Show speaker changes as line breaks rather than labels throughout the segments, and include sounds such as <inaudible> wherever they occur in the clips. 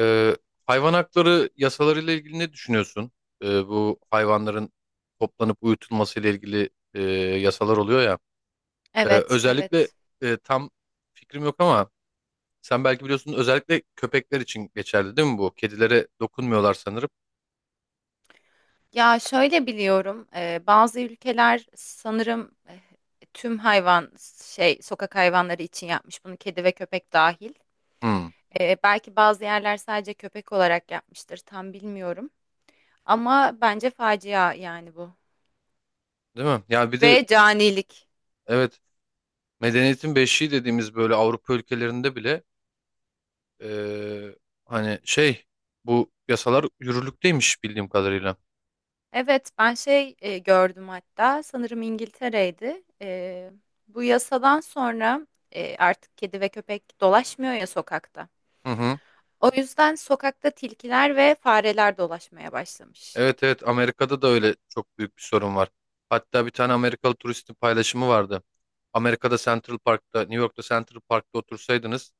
Ee, Hayvan hakları yasalarıyla ilgili ne düşünüyorsun? Bu hayvanların toplanıp uyutulması ile ilgili yasalar oluyor ya.
Evet,
Özellikle
evet.
tam fikrim yok ama sen belki biliyorsun, özellikle köpekler için geçerli değil mi bu? Kedilere dokunmuyorlar sanırım.
Ya şöyle biliyorum, bazı ülkeler sanırım tüm hayvan sokak hayvanları için yapmış bunu kedi ve köpek dahil.
Hmm,
Belki bazı yerler sadece köpek olarak yapmıştır, tam bilmiyorum. Ama bence facia yani bu.
değil mi? Ya bir de,
Ve canilik.
evet, medeniyetin beşiği dediğimiz böyle Avrupa ülkelerinde bile e, hani şey bu yasalar yürürlükteymiş bildiğim kadarıyla.
Evet, ben gördüm hatta sanırım İngiltere'ydi. Bu yasadan sonra artık kedi ve köpek dolaşmıyor ya sokakta.
Hı hı.
O yüzden sokakta tilkiler ve fareler dolaşmaya başlamış.
Evet, evet, Amerika'da da öyle çok büyük bir sorun var. Hatta bir tane Amerikalı turistin paylaşımı vardı. Amerika'da Central Park'ta, New York'ta Central Park'ta otursaydınız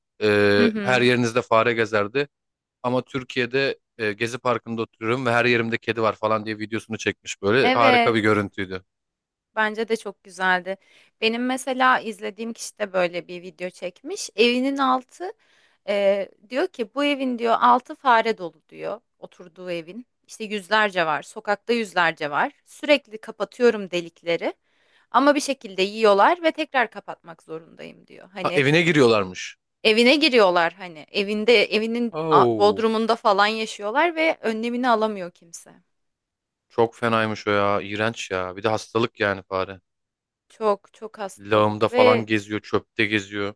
Hı
her
hı.
yerinizde fare gezerdi. Ama Türkiye'de Gezi Parkı'nda oturuyorum ve her yerimde kedi var falan diye videosunu çekmiş böyle. Harika
Evet,
bir görüntüydü.
bence de çok güzeldi. Benim mesela izlediğim kişi de böyle bir video çekmiş. Evinin altı diyor ki bu evin diyor altı fare dolu diyor oturduğu evin. İşte yüzlerce var, sokakta yüzlerce var. Sürekli kapatıyorum delikleri ama bir şekilde yiyorlar ve tekrar kapatmak zorundayım diyor.
Ha,
Hani
evine giriyorlarmış.
evine giriyorlar hani evinde
Oo,
bodrumunda falan yaşıyorlar ve önlemini alamıyor kimse.
çok fenaymış o ya. İğrenç ya. Bir de hastalık yani, fare.
Çok çok
Lağımda
hastalık
falan
ve
geziyor, çöpte geziyor.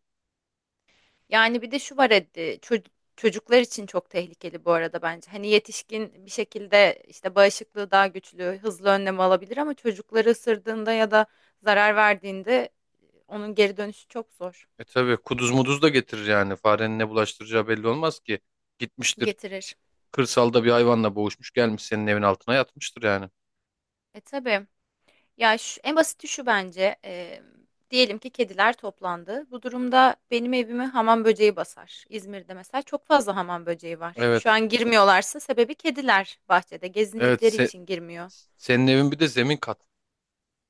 yani bir de şu var çocuklar için çok tehlikeli bu arada bence. Hani yetişkin bir şekilde işte bağışıklığı daha güçlü, hızlı önlem alabilir ama çocukları ısırdığında ya da zarar verdiğinde onun geri dönüşü çok zor
E tabii kuduz muduz da getirir yani. Farenin ne bulaştıracağı belli olmaz ki. Gitmiştir
getirir.
kırsalda, bir hayvanla boğuşmuş gelmiş senin evin altına yatmıştır yani.
E tabii. Ya şu, en basiti şu bence. Diyelim ki kediler toplandı. Bu durumda benim evimi hamam böceği basar. İzmir'de mesela çok fazla hamam böceği var. Şu
Evet.
an girmiyorlarsa sebebi kediler bahçede
Evet,
gezindikleri için girmiyor.
senin evin bir de zemin kat.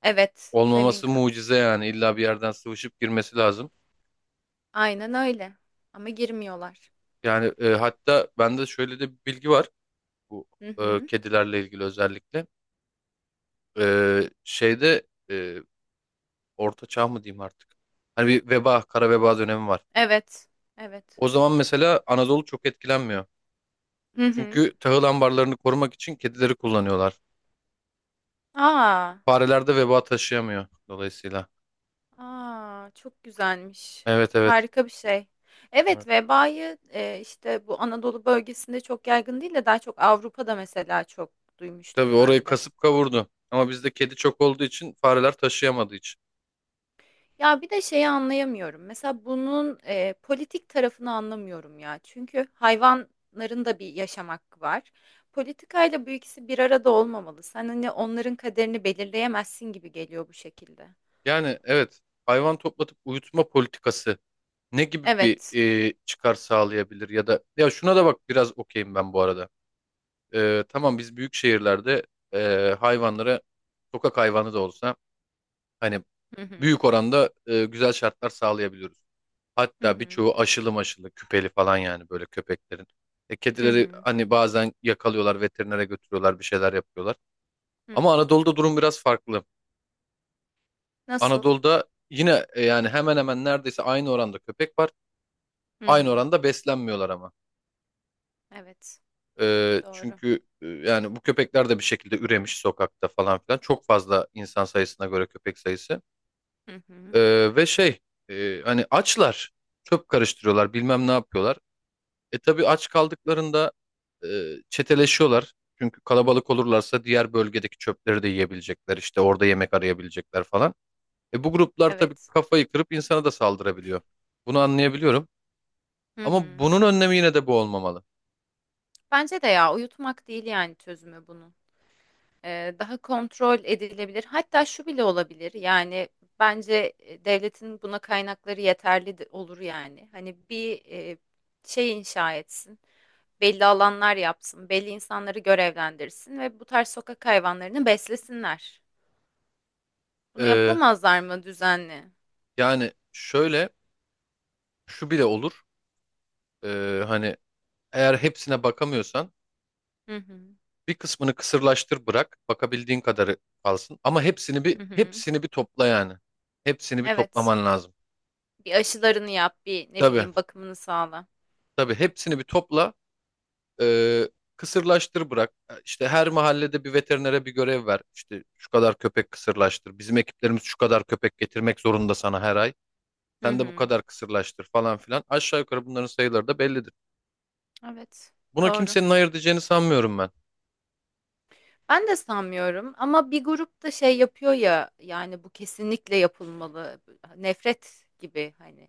Evet, zemin
Olmaması
kat.
mucize yani. İlla bir yerden sıvışıp girmesi lazım.
Aynen öyle. Ama girmiyorlar.
Yani, hatta bende şöyle de bir bilgi var. Bu
Hı hı.
kedilerle ilgili özellikle. E, şeyde orta çağ mı diyeyim artık. Hani bir veba, kara veba dönemi var.
Evet. Evet.
O zaman mesela Anadolu çok etkilenmiyor.
Hı hı.
Çünkü tahıl ambarlarını korumak için kedileri kullanıyorlar.
Aa.
Fareler de veba taşıyamıyor dolayısıyla.
Aa, çok güzelmiş.
Evet, evet.
Harika bir şey. Evet,
Evet.
vebayı işte bu Anadolu bölgesinde çok yaygın değil de daha çok Avrupa'da mesela çok
Tabii
duymuştum
orayı
ben de.
kasıp kavurdu. Ama bizde kedi çok olduğu için, fareler taşıyamadığı için.
Ya bir de şeyi anlayamıyorum. Mesela bunun politik tarafını anlamıyorum ya. Çünkü hayvanların da bir yaşam hakkı var. Politikayla bu ikisi bir arada olmamalı. Sen hani onların kaderini belirleyemezsin gibi geliyor bu şekilde.
Yani evet, hayvan toplatıp uyutma politikası ne gibi bir
Evet.
çıkar sağlayabilir ya da, ya şuna da bak biraz okeyim ben bu arada. E, tamam, biz büyük şehirlerde hayvanlara, sokak hayvanı da olsa, hani
Hı hı.
büyük oranda güzel şartlar sağlayabiliyoruz.
Hı
Hatta
hı.
birçoğu aşılı maşılı küpeli falan yani, böyle köpeklerin. E,
Hı
kedileri
hı.
hani bazen yakalıyorlar, veterinere götürüyorlar, bir şeyler yapıyorlar.
Hı
Ama
hı.
Anadolu'da durum biraz farklı.
Nasıl?
Anadolu'da yine yani hemen hemen neredeyse aynı oranda köpek var.
Hı
Aynı
hı.
oranda beslenmiyorlar ama.
Evet,
E,
doğru.
çünkü yani bu köpekler de bir şekilde üremiş sokakta falan filan. Çok fazla, insan sayısına göre köpek sayısı.
Hı hı.
E, ve şey, hani açlar çöp karıştırıyorlar, bilmem ne yapıyorlar. E tabii aç kaldıklarında e, çeteleşiyorlar. Çünkü kalabalık olurlarsa diğer bölgedeki çöpleri de yiyebilecekler. İşte orada yemek arayabilecekler falan. E, bu gruplar tabii
Evet.
kafayı kırıp insana da saldırabiliyor. Bunu anlayabiliyorum.
Hı
Ama
hı.
bunun önlemi yine de bu olmamalı.
Bence de ya uyutmak değil yani çözümü bunun. Daha kontrol edilebilir. Hatta şu bile olabilir. Yani bence devletin buna kaynakları olur yani. Hani bir şey inşa etsin. Belli alanlar yapsın. Belli insanları görevlendirsin ve bu tarz sokak hayvanlarını beslesinler. Bunu
E,
yapamazlar mı düzenli?
yani şöyle, şu bile olur. E, hani eğer hepsine bakamıyorsan
Hı hı.
bir kısmını kısırlaştır bırak. Bakabildiğin kadarı kalsın. Ama hepsini bir
Hı hı.
hepsini bir topla yani. Hepsini bir
Evet.
toplaman lazım.
Bir aşılarını yap, bir ne
Tabii,
bileyim bakımını sağla.
tabii, hepsini bir topla. Ee, Kısırlaştır bırak. İşte her mahallede bir veterinere bir görev ver. İşte şu kadar köpek kısırlaştır. Bizim ekiplerimiz şu kadar köpek getirmek zorunda sana her ay.
Hı
Sen de bu
hı.
kadar kısırlaştır falan filan. Aşağı yukarı bunların sayıları da bellidir.
Evet,
Buna
doğru.
kimsenin hayır diyeceğini sanmıyorum ben.
Ben de sanmıyorum ama bir grup da şey yapıyor ya yani bu kesinlikle yapılmalı. Nefret gibi hani.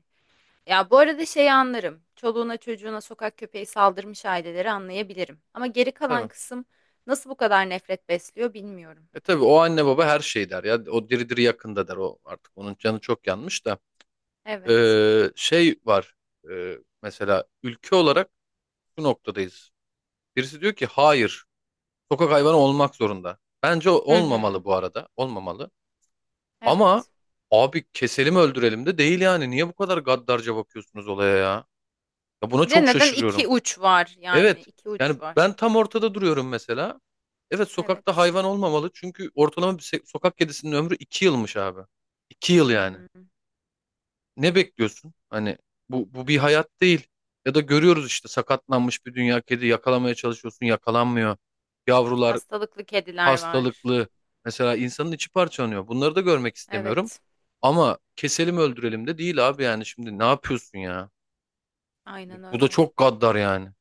Ya bu arada şeyi anlarım. Çoluğuna çocuğuna sokak köpeği saldırmış aileleri anlayabilirim. Ama geri kalan
Tabii.
kısım nasıl bu kadar nefret besliyor bilmiyorum.
E tabii o anne baba her şey der ya. O diri diri yakında der o artık. Onun canı çok yanmış da.
Evet.
Şey var. Mesela ülke olarak şu noktadayız. Birisi diyor ki hayır. Sokak hayvanı olmak zorunda. Bence
Hı hı.
olmamalı bu arada. Olmamalı. Ama
Evet.
abi keselim öldürelim de değil yani. Niye bu kadar gaddarca bakıyorsunuz olaya ya? Ya buna
Bir de
çok
neden iki
şaşırıyorum.
uç var yani
Evet.
iki
Yani
uç
ben
var.
tam ortada duruyorum mesela. Evet, sokakta
Evet.
hayvan olmamalı. Çünkü ortalama bir sokak kedisinin ömrü 2 yılmış abi. 2 yıl
Hı
yani.
hı.
Ne bekliyorsun? Hani bu bir hayat değil. Ya da görüyoruz işte, sakatlanmış bir dünya kedi yakalamaya çalışıyorsun, yakalanmıyor. Yavrular
Hastalıklı kediler var.
hastalıklı. Mesela insanın içi parçalanıyor. Bunları da görmek istemiyorum.
Evet.
Ama keselim öldürelim de değil abi, yani şimdi ne yapıyorsun ya?
Aynen
Bu da
öyle.
çok gaddar yani.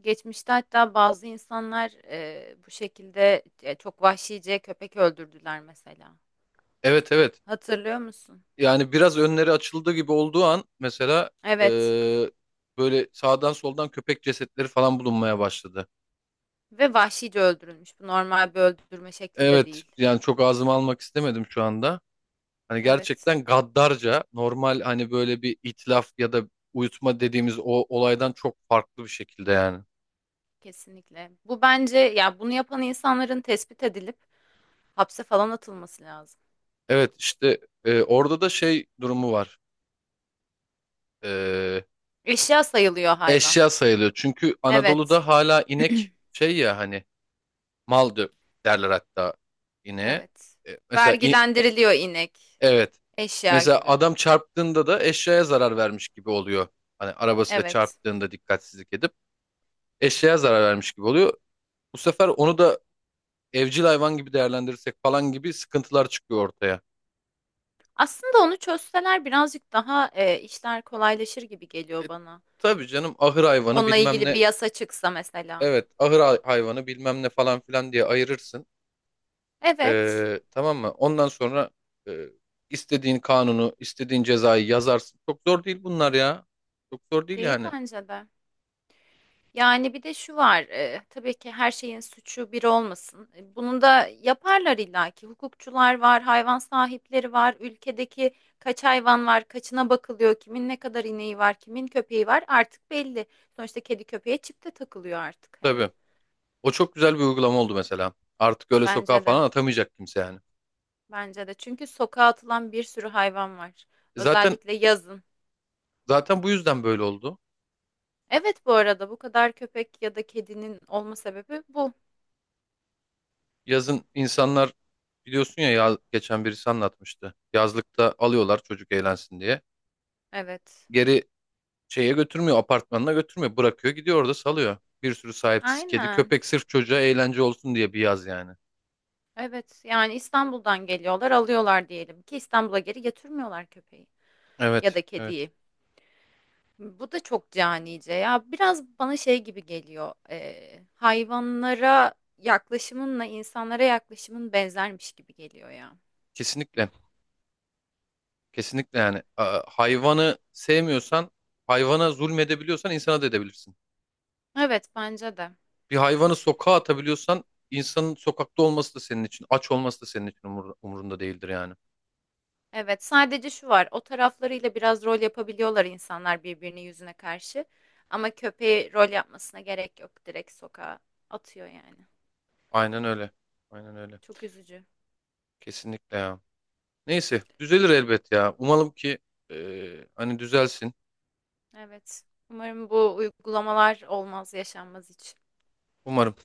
Geçmişte hatta bazı insanlar bu şekilde çok vahşice köpek öldürdüler mesela.
Evet, evet.
Hatırlıyor musun?
Yani biraz önleri açıldı gibi olduğu an mesela
Evet.
eee, böyle sağdan soldan köpek cesetleri falan bulunmaya başladı.
Ve vahşice öldürülmüş. Bu normal bir öldürme şekli de
Evet,
değil.
yani çok ağzıma almak istemedim şu anda. Hani
Evet,
gerçekten gaddarca, normal hani böyle bir itlaf ya da uyutma dediğimiz o olaydan çok farklı bir şekilde yani.
kesinlikle. Bu bence ya bunu yapan insanların tespit edilip hapse falan atılması lazım.
Evet, işte orada da şey durumu var. E,
Eşya sayılıyor hayvan.
eşya sayılıyor. Çünkü
Evet.
Anadolu'da hala inek
<clears throat>
şey ya hani, mal derler hatta ineğe.
Evet.
E, mesela
Vergilendiriliyor inek.
evet.
Eşya
Mesela
gibi.
adam çarptığında da eşyaya zarar vermiş gibi oluyor. Hani arabasıyla
Evet.
çarptığında dikkatsizlik edip eşyaya zarar vermiş gibi oluyor. Bu sefer onu da evcil hayvan gibi değerlendirirsek falan gibi sıkıntılar çıkıyor ortaya.
Aslında onu çözseler birazcık daha işler kolaylaşır gibi
E,
geliyor bana.
tabii canım, ahır hayvanı
Onunla
bilmem
ilgili bir
ne.
yasa çıksa mesela.
Evet, ahır hayvanı bilmem ne falan filan diye ayırırsın.
Evet,
Tamam mı? Ondan sonra e, istediğin kanunu, istediğin cezayı yazarsın. Çok zor değil bunlar ya. Çok zor değil
değil
yani.
bence de. Yani bir de şu var, tabii ki her şeyin suçu bir olmasın. E, bunu da yaparlar illaki. Hukukçular var, hayvan sahipleri var, ülkedeki kaç hayvan var, kaçına bakılıyor, kimin ne kadar ineği var, kimin köpeği var artık belli. Sonuçta kedi köpeğe çip de takılıyor artık hani.
Tabii. O çok güzel bir uygulama oldu mesela. Artık öyle sokağa
Bence de.
falan atamayacak kimse yani.
Bence de. Çünkü sokağa atılan bir sürü hayvan var.
E Zaten
Özellikle yazın.
zaten bu yüzden böyle oldu.
Evet bu arada bu kadar köpek ya da kedinin olma sebebi bu.
Yazın insanlar biliyorsun ya, ya geçen birisi anlatmıştı. Yazlıkta alıyorlar çocuk eğlensin diye.
Evet.
Geri şeye götürmüyor, apartmanına götürmüyor. Bırakıyor gidiyor orada salıyor. Bir sürü sahipsiz kedi
Aynen.
köpek, sırf çocuğa eğlence olsun diye bir yaz yani.
Evet. Yani İstanbul'dan geliyorlar, alıyorlar diyelim ki İstanbul'a geri getirmiyorlar köpeği ya
Evet,
da
evet.
kediyi. Bu da çok canice ya. Biraz bana şey gibi geliyor. Hayvanlara yaklaşımınla insanlara yaklaşımın benzermiş gibi geliyor ya.
Kesinlikle. Kesinlikle yani. Hayvanı sevmiyorsan, hayvana zulmedebiliyorsan insana da edebilirsin.
Evet bence de.
Bir hayvanı sokağa atabiliyorsan, insanın sokakta olması da senin için, aç olması da senin için umurunda değildir yani.
Evet, sadece şu var. O taraflarıyla biraz rol yapabiliyorlar insanlar birbirinin yüzüne karşı. Ama köpeği rol yapmasına gerek yok. Direkt sokağa atıyor yani.
Aynen öyle. Aynen öyle.
Çok üzücü.
Kesinlikle ya. Neyse düzelir elbet ya. Umalım ki hani düzelsin.
Evet. Umarım bu uygulamalar olmaz, yaşanmaz hiç.
Umarım.